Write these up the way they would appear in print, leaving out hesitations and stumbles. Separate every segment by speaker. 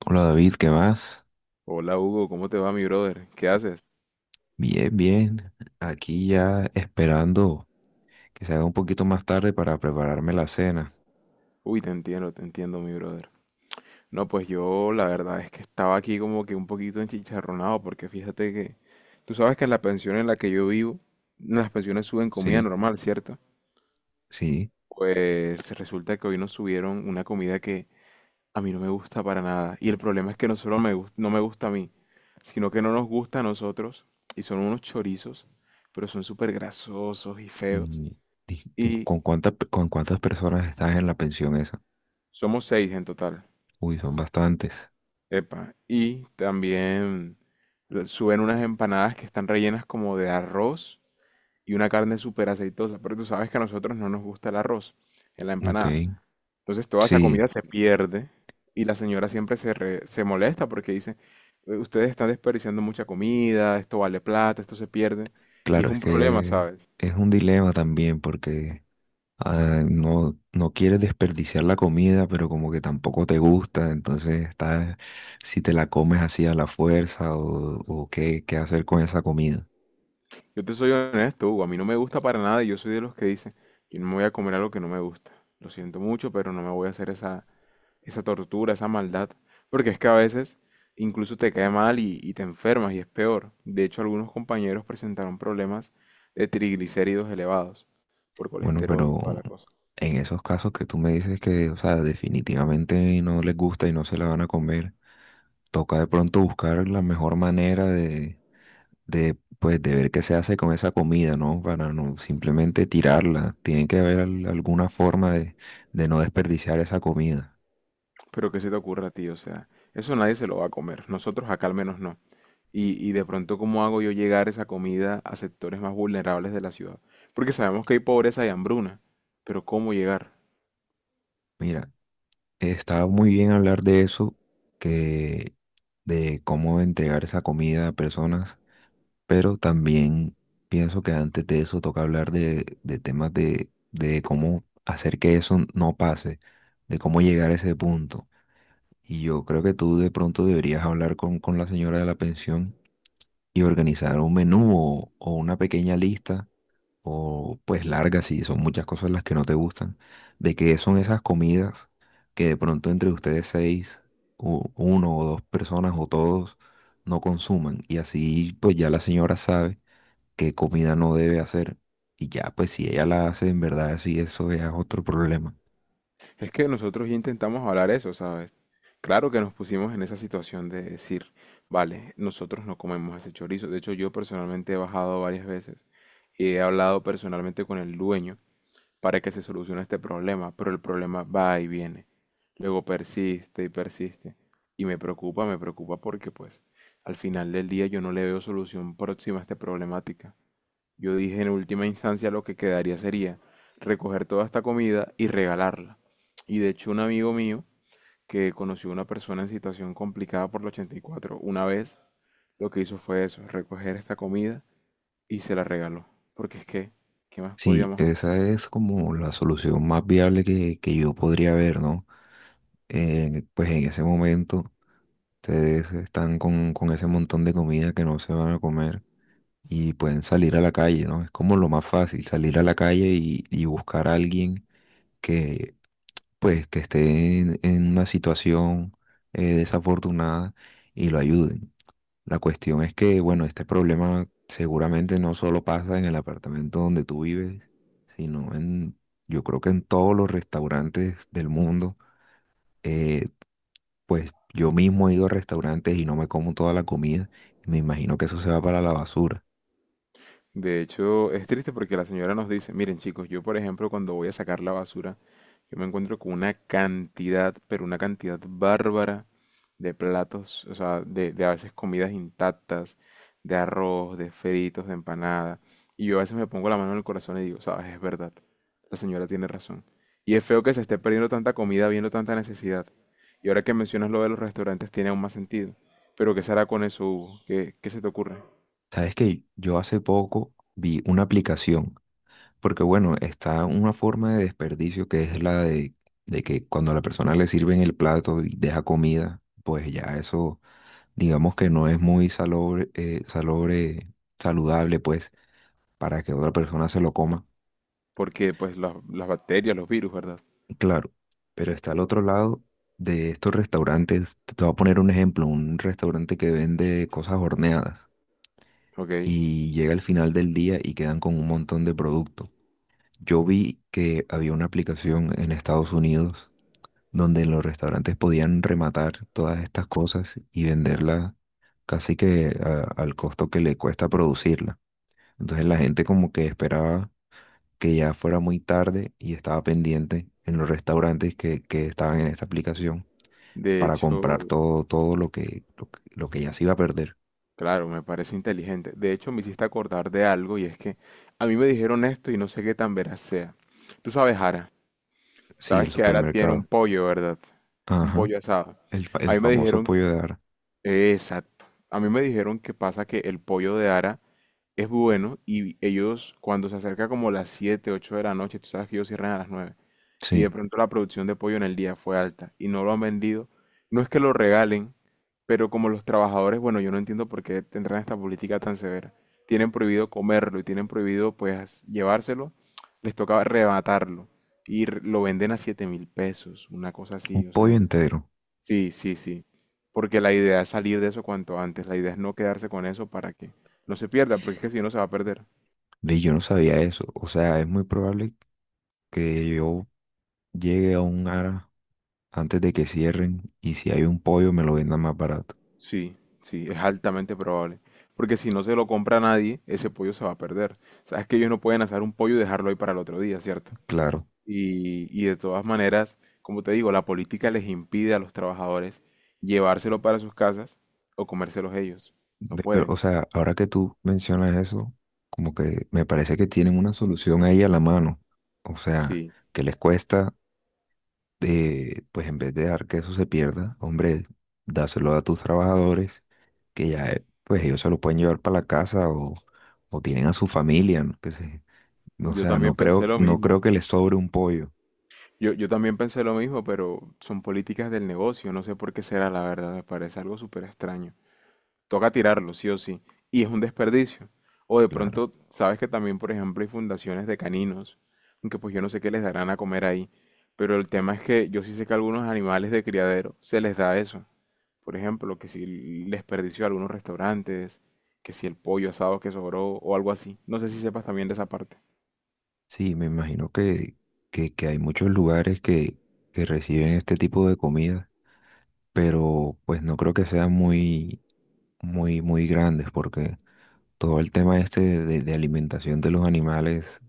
Speaker 1: Hola David, ¿qué más?
Speaker 2: Hola Hugo, ¿cómo te va mi brother? ¿Qué haces?
Speaker 1: Bien, bien. Aquí ya esperando que se haga un poquito más tarde para prepararme la cena.
Speaker 2: Uy, te entiendo mi brother. No, pues yo la verdad es que estaba aquí como que un poquito enchicharronado porque fíjate que tú sabes que en la pensión en la que yo vivo, las pensiones suben comida
Speaker 1: Sí,
Speaker 2: normal, ¿cierto?
Speaker 1: sí.
Speaker 2: Pues resulta que hoy nos subieron una comida que a mí no me gusta para nada. Y el problema es que no solo no me gusta a mí, sino que no nos gusta a nosotros y son unos chorizos, pero son súper grasosos y feos.
Speaker 1: Mm,
Speaker 2: Y
Speaker 1: ¿Con cuántas, con cuántas personas estás en la pensión esa?
Speaker 2: somos 6 en total.
Speaker 1: Uy, son bastantes.
Speaker 2: Epa, y también suben unas empanadas que están rellenas como de arroz y una carne súper aceitosa, pero tú sabes que a nosotros no nos gusta el arroz en la
Speaker 1: Ok.
Speaker 2: empanada. Entonces toda esa
Speaker 1: Sí,
Speaker 2: comida se pierde y la señora siempre se molesta porque dice, ustedes están desperdiciando mucha comida, esto vale plata, esto se pierde. Y es
Speaker 1: claro, es
Speaker 2: un problema,
Speaker 1: que
Speaker 2: ¿sabes?
Speaker 1: es un dilema también porque no, no quieres desperdiciar la comida, pero como que tampoco te gusta, entonces está si te la comes así a la fuerza o qué, qué hacer con esa comida.
Speaker 2: Yo te soy honesto, Hugo, a mí no me gusta para nada y yo soy de los que dice yo no me voy a comer algo que no me gusta. Lo siento mucho, pero no me voy a hacer esa tortura, esa maldad, porque es que a veces incluso te cae mal y te enfermas y es peor. De hecho, algunos compañeros presentaron problemas de triglicéridos elevados por
Speaker 1: Bueno,
Speaker 2: colesterol y
Speaker 1: pero
Speaker 2: toda la cosa.
Speaker 1: en esos casos que tú me dices que, o sea, definitivamente no les gusta y no se la van a comer, toca de pronto buscar la mejor manera de, pues, de ver qué se hace con esa comida, ¿no? Para no simplemente tirarla. Tiene que haber alguna forma de no desperdiciar esa comida.
Speaker 2: Pero ¿qué se te ocurre a ti? O sea, eso nadie se lo va a comer, nosotros acá al menos no. Y de pronto, ¿cómo hago yo llegar esa comida a sectores más vulnerables de la ciudad? Porque sabemos que hay pobreza y hambruna, pero ¿cómo llegar?
Speaker 1: Mira, está muy bien hablar de eso, que de cómo entregar esa comida a personas, pero también pienso que antes de eso toca hablar de temas de cómo hacer que eso no pase, de cómo llegar a ese punto. Y yo creo que tú de pronto deberías hablar con la señora de la pensión y organizar un menú o una pequeña lista, o pues larga si son muchas cosas las que no te gustan, de qué son esas comidas que de pronto entre ustedes seis, uno o dos personas o todos no consuman. Y así pues ya la señora sabe qué comida no debe hacer. Y ya, pues si ella la hace, en verdad, sí, eso ya es otro problema.
Speaker 2: Es que nosotros ya intentamos hablar eso, ¿sabes? Claro que nos pusimos en esa situación de decir, vale, nosotros no comemos ese chorizo. De hecho, yo personalmente he bajado varias veces y he hablado personalmente con el dueño para que se solucione este problema, pero el problema va y viene. Luego persiste y persiste. Y me preocupa porque pues al final del día yo no le veo solución próxima a esta problemática. Yo dije en última instancia lo que quedaría sería recoger toda esta comida y regalarla. Y de hecho un amigo mío que conoció a una persona en situación complicada por el 84 una vez lo que hizo fue eso, recoger esta comida y se la regaló. Porque es que, ¿qué más
Speaker 1: Sí,
Speaker 2: podíamos
Speaker 1: esa es como la solución más viable que yo podría ver, ¿no? Pues en ese momento ustedes están con ese montón de comida que no se van a comer y pueden salir a la calle, ¿no? Es como lo más fácil, salir a la calle y buscar a alguien que, pues, que esté en una situación desafortunada, y lo ayuden. La cuestión es que, bueno, este problema seguramente no solo pasa en el apartamento donde tú vives, sino en, yo creo que en todos los restaurantes del mundo. Eh, pues yo mismo he ido a restaurantes y no me como toda la comida y me imagino que eso se va para la basura.
Speaker 2: De hecho, es triste porque la señora nos dice, miren chicos, yo por ejemplo cuando voy a sacar la basura, yo me encuentro con una cantidad, pero una cantidad bárbara de platos, o sea, de a veces comidas intactas, de arroz, de fritos, de empanada. Y yo a veces me pongo la mano en el corazón y digo, sabes, es verdad, la señora tiene razón. Y es feo que se esté perdiendo tanta comida, viendo tanta necesidad. Y ahora que mencionas lo de los restaurantes, tiene aún más sentido. Pero ¿qué se hará con eso, Hugo? ¿Qué, qué se te ocurre?
Speaker 1: Sabes que yo hace poco vi una aplicación, porque bueno, está una forma de desperdicio que es la de que cuando a la persona le sirven el plato y deja comida, pues ya eso digamos que no es muy salobre, salobre, saludable, pues, para que otra persona se lo coma.
Speaker 2: Porque pues las bacterias, los virus, ¿verdad?
Speaker 1: Claro, pero está al otro lado de estos restaurantes. Te voy a poner un ejemplo, un restaurante que vende cosas horneadas
Speaker 2: Ok.
Speaker 1: y llega al final del día y quedan con un montón de producto. Yo vi que había una aplicación en Estados Unidos donde los restaurantes podían rematar todas estas cosas y venderlas casi que al costo que le cuesta producirla. Entonces la gente como que esperaba que ya fuera muy tarde y estaba pendiente en los restaurantes que estaban en esta aplicación
Speaker 2: De
Speaker 1: para comprar
Speaker 2: hecho,
Speaker 1: todo, todo lo que, lo que, lo que ya se iba a perder.
Speaker 2: claro, me parece inteligente. De hecho, me hiciste acordar de algo y es que a mí me dijeron esto y no sé qué tan veraz sea. Tú sabes, Ara,
Speaker 1: Sí, el
Speaker 2: sabes que Ara tiene un
Speaker 1: supermercado.
Speaker 2: pollo, ¿verdad? Un
Speaker 1: Ajá,
Speaker 2: pollo asado.
Speaker 1: el,
Speaker 2: A
Speaker 1: el
Speaker 2: mí me
Speaker 1: famoso
Speaker 2: dijeron,
Speaker 1: pollo de Ara.
Speaker 2: exacto. A mí me dijeron que pasa que el pollo de Ara es bueno y ellos cuando se acerca como las 7 8 de la noche, tú sabes que ellos cierran a las 9 y
Speaker 1: Sí,
Speaker 2: de pronto la producción de pollo en el día fue alta y no lo han vendido, no es que lo regalen, pero como los trabajadores, bueno, yo no entiendo por qué tendrán esta política tan severa, tienen prohibido comerlo y tienen prohibido pues llevárselo, les toca arrebatarlo y lo venden a 7.000 pesos, una cosa
Speaker 1: un
Speaker 2: así, o
Speaker 1: pollo
Speaker 2: sea,
Speaker 1: entero.
Speaker 2: sí, sí, sí. Porque la idea es salir de eso cuanto antes. La idea es no quedarse con eso para que no se pierda, porque es que si no se va a perder.
Speaker 1: Ve, yo no sabía eso. O sea, es muy probable que yo llegue a un Ara antes de que cierren y si hay un pollo me lo vendan más barato.
Speaker 2: Sí, sí, es altamente probable. Porque si no se lo compra nadie, ese pollo se va a perder. Sabes que ellos no pueden asar un pollo y dejarlo ahí para el otro día, ¿cierto?
Speaker 1: Claro.
Speaker 2: Y de todas maneras, como te digo, la política les impide a los trabajadores llevárselo para sus casas o comérselos ellos. No
Speaker 1: Ve, pero, o
Speaker 2: pueden.
Speaker 1: sea, ahora que tú mencionas eso, como que me parece que tienen una solución ahí a la mano. O sea,
Speaker 2: Sí,
Speaker 1: que les cuesta, pues en vez de dejar que eso se pierda, hombre, dáselo a tus trabajadores, que ya, pues ellos se lo pueden llevar para la casa o tienen a su familia, ¿no? Que se, o
Speaker 2: yo
Speaker 1: sea,
Speaker 2: también
Speaker 1: no
Speaker 2: pensé
Speaker 1: creo,
Speaker 2: lo
Speaker 1: no creo
Speaker 2: mismo.
Speaker 1: que les sobre un pollo,
Speaker 2: Yo también pensé lo mismo, pero son políticas del negocio, no sé por qué será la verdad, me parece algo súper extraño. Toca tirarlo, sí o sí, y es un desperdicio. O de
Speaker 1: claro.
Speaker 2: pronto, sabes que también, por ejemplo, hay fundaciones de caninos, aunque pues yo no sé qué les darán a comer ahí, pero el tema es que yo sí sé que a algunos animales de criadero se les da eso. Por ejemplo, que si el desperdicio de algunos restaurantes, que si el pollo asado que sobró o algo así. No sé si sepas también de esa parte.
Speaker 1: Sí, me imagino que hay muchos lugares que reciben este tipo de comida, pero pues no creo que sean muy, muy, muy grandes porque todo el tema este de alimentación de los animales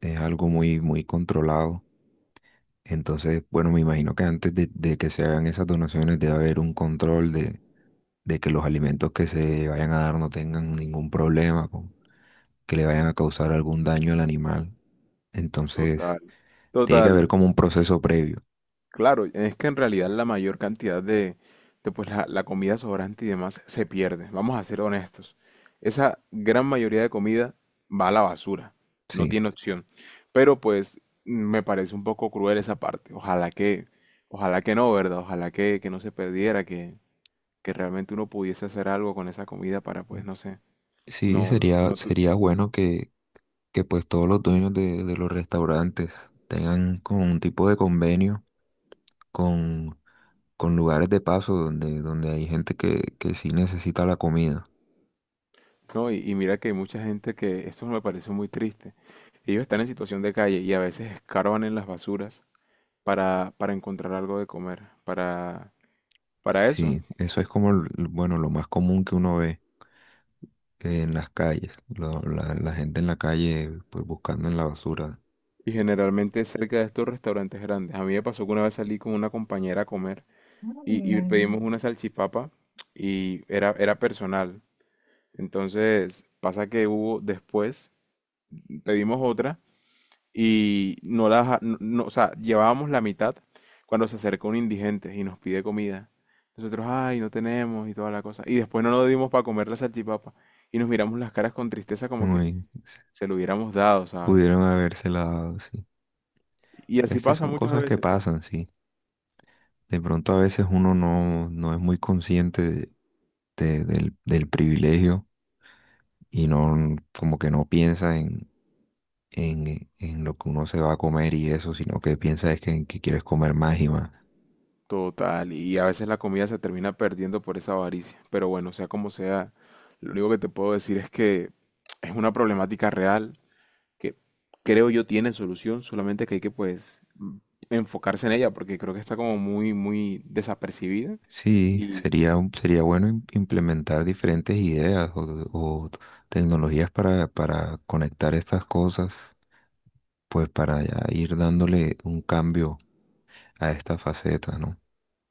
Speaker 1: es algo muy, muy controlado. Entonces, bueno, me imagino que antes de que se hagan esas donaciones debe haber un control de que los alimentos que se vayan a dar no tengan ningún problema, que le vayan a causar algún daño al animal. Entonces,
Speaker 2: Total.
Speaker 1: tiene que
Speaker 2: Total,
Speaker 1: haber como un proceso previo.
Speaker 2: claro, es que en realidad la mayor cantidad de, pues la comida sobrante y demás se pierde. Vamos a ser honestos. Esa gran mayoría de comida va a la basura. No
Speaker 1: Sí,
Speaker 2: tiene opción. Pero pues me parece un poco cruel esa parte. Ojalá que no, ¿verdad? Que no se perdiera, que realmente uno pudiese hacer algo con esa comida para, pues, no sé,
Speaker 1: sí,
Speaker 2: no,
Speaker 1: sería,
Speaker 2: no, tu-
Speaker 1: sería bueno que pues todos los dueños de los restaurantes tengan como un tipo de convenio con, con lugares de paso donde, donde hay gente que sí necesita la comida.
Speaker 2: no, y mira que hay mucha gente que, esto me parece muy triste. Ellos están en situación de calle y a veces escarban en las basuras para encontrar algo de comer, para eso.
Speaker 1: Sí, eso es como, bueno, lo más común que uno ve en las calles, la, la gente en la calle pues buscando en la basura.
Speaker 2: Y generalmente cerca de estos restaurantes grandes. A mí me pasó que una vez salí con una compañera a comer y pedimos una salchipapa y era personal. Entonces pasa que hubo después, pedimos otra y no la, ja- no, no- o sea, llevábamos la mitad cuando se acerca un indigente y nos pide comida. Nosotros, ay, no tenemos y toda la cosa. Y después no nos dimos para comer la salchipapa y nos miramos las caras con tristeza como
Speaker 1: No,
Speaker 2: que,
Speaker 1: y
Speaker 2: se lo hubiéramos dado, ¿sabes?
Speaker 1: pudieron habérsela dado, sí.
Speaker 2: Y así
Speaker 1: Es que
Speaker 2: pasa
Speaker 1: son
Speaker 2: muchas
Speaker 1: cosas que
Speaker 2: veces.
Speaker 1: pasan, sí. De pronto a veces uno no, no es muy consciente del, del privilegio y no, como que no piensa en lo que uno se va a comer y eso, sino que piensa es que, en que quieres comer más y más.
Speaker 2: Total, y a veces la comida se termina perdiendo por esa avaricia. Pero bueno, sea como sea, lo único que te puedo decir es que es una problemática real que creo yo tiene solución, solamente que hay que enfocarse en ella porque creo que está como muy desapercibida.
Speaker 1: Sí,
Speaker 2: Y
Speaker 1: sería, sería bueno implementar diferentes ideas o tecnologías para conectar estas cosas, pues para ya ir dándole un cambio a esta faceta, ¿no?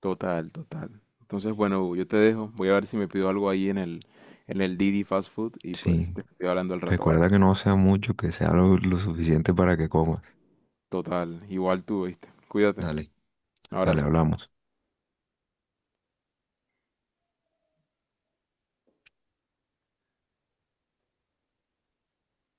Speaker 2: total, total. Entonces, bueno, Hugo, yo te dejo. Voy a ver si me pido algo ahí en el Didi Fast Food y pues
Speaker 1: Sí,
Speaker 2: te estoy hablando al rato, ¿vale?
Speaker 1: recuerda que no sea mucho, que sea lo suficiente para que comas.
Speaker 2: Total, igual tú, ¿viste? Cuídate.
Speaker 1: Dale,
Speaker 2: Un
Speaker 1: dale,
Speaker 2: abrazo
Speaker 1: hablamos.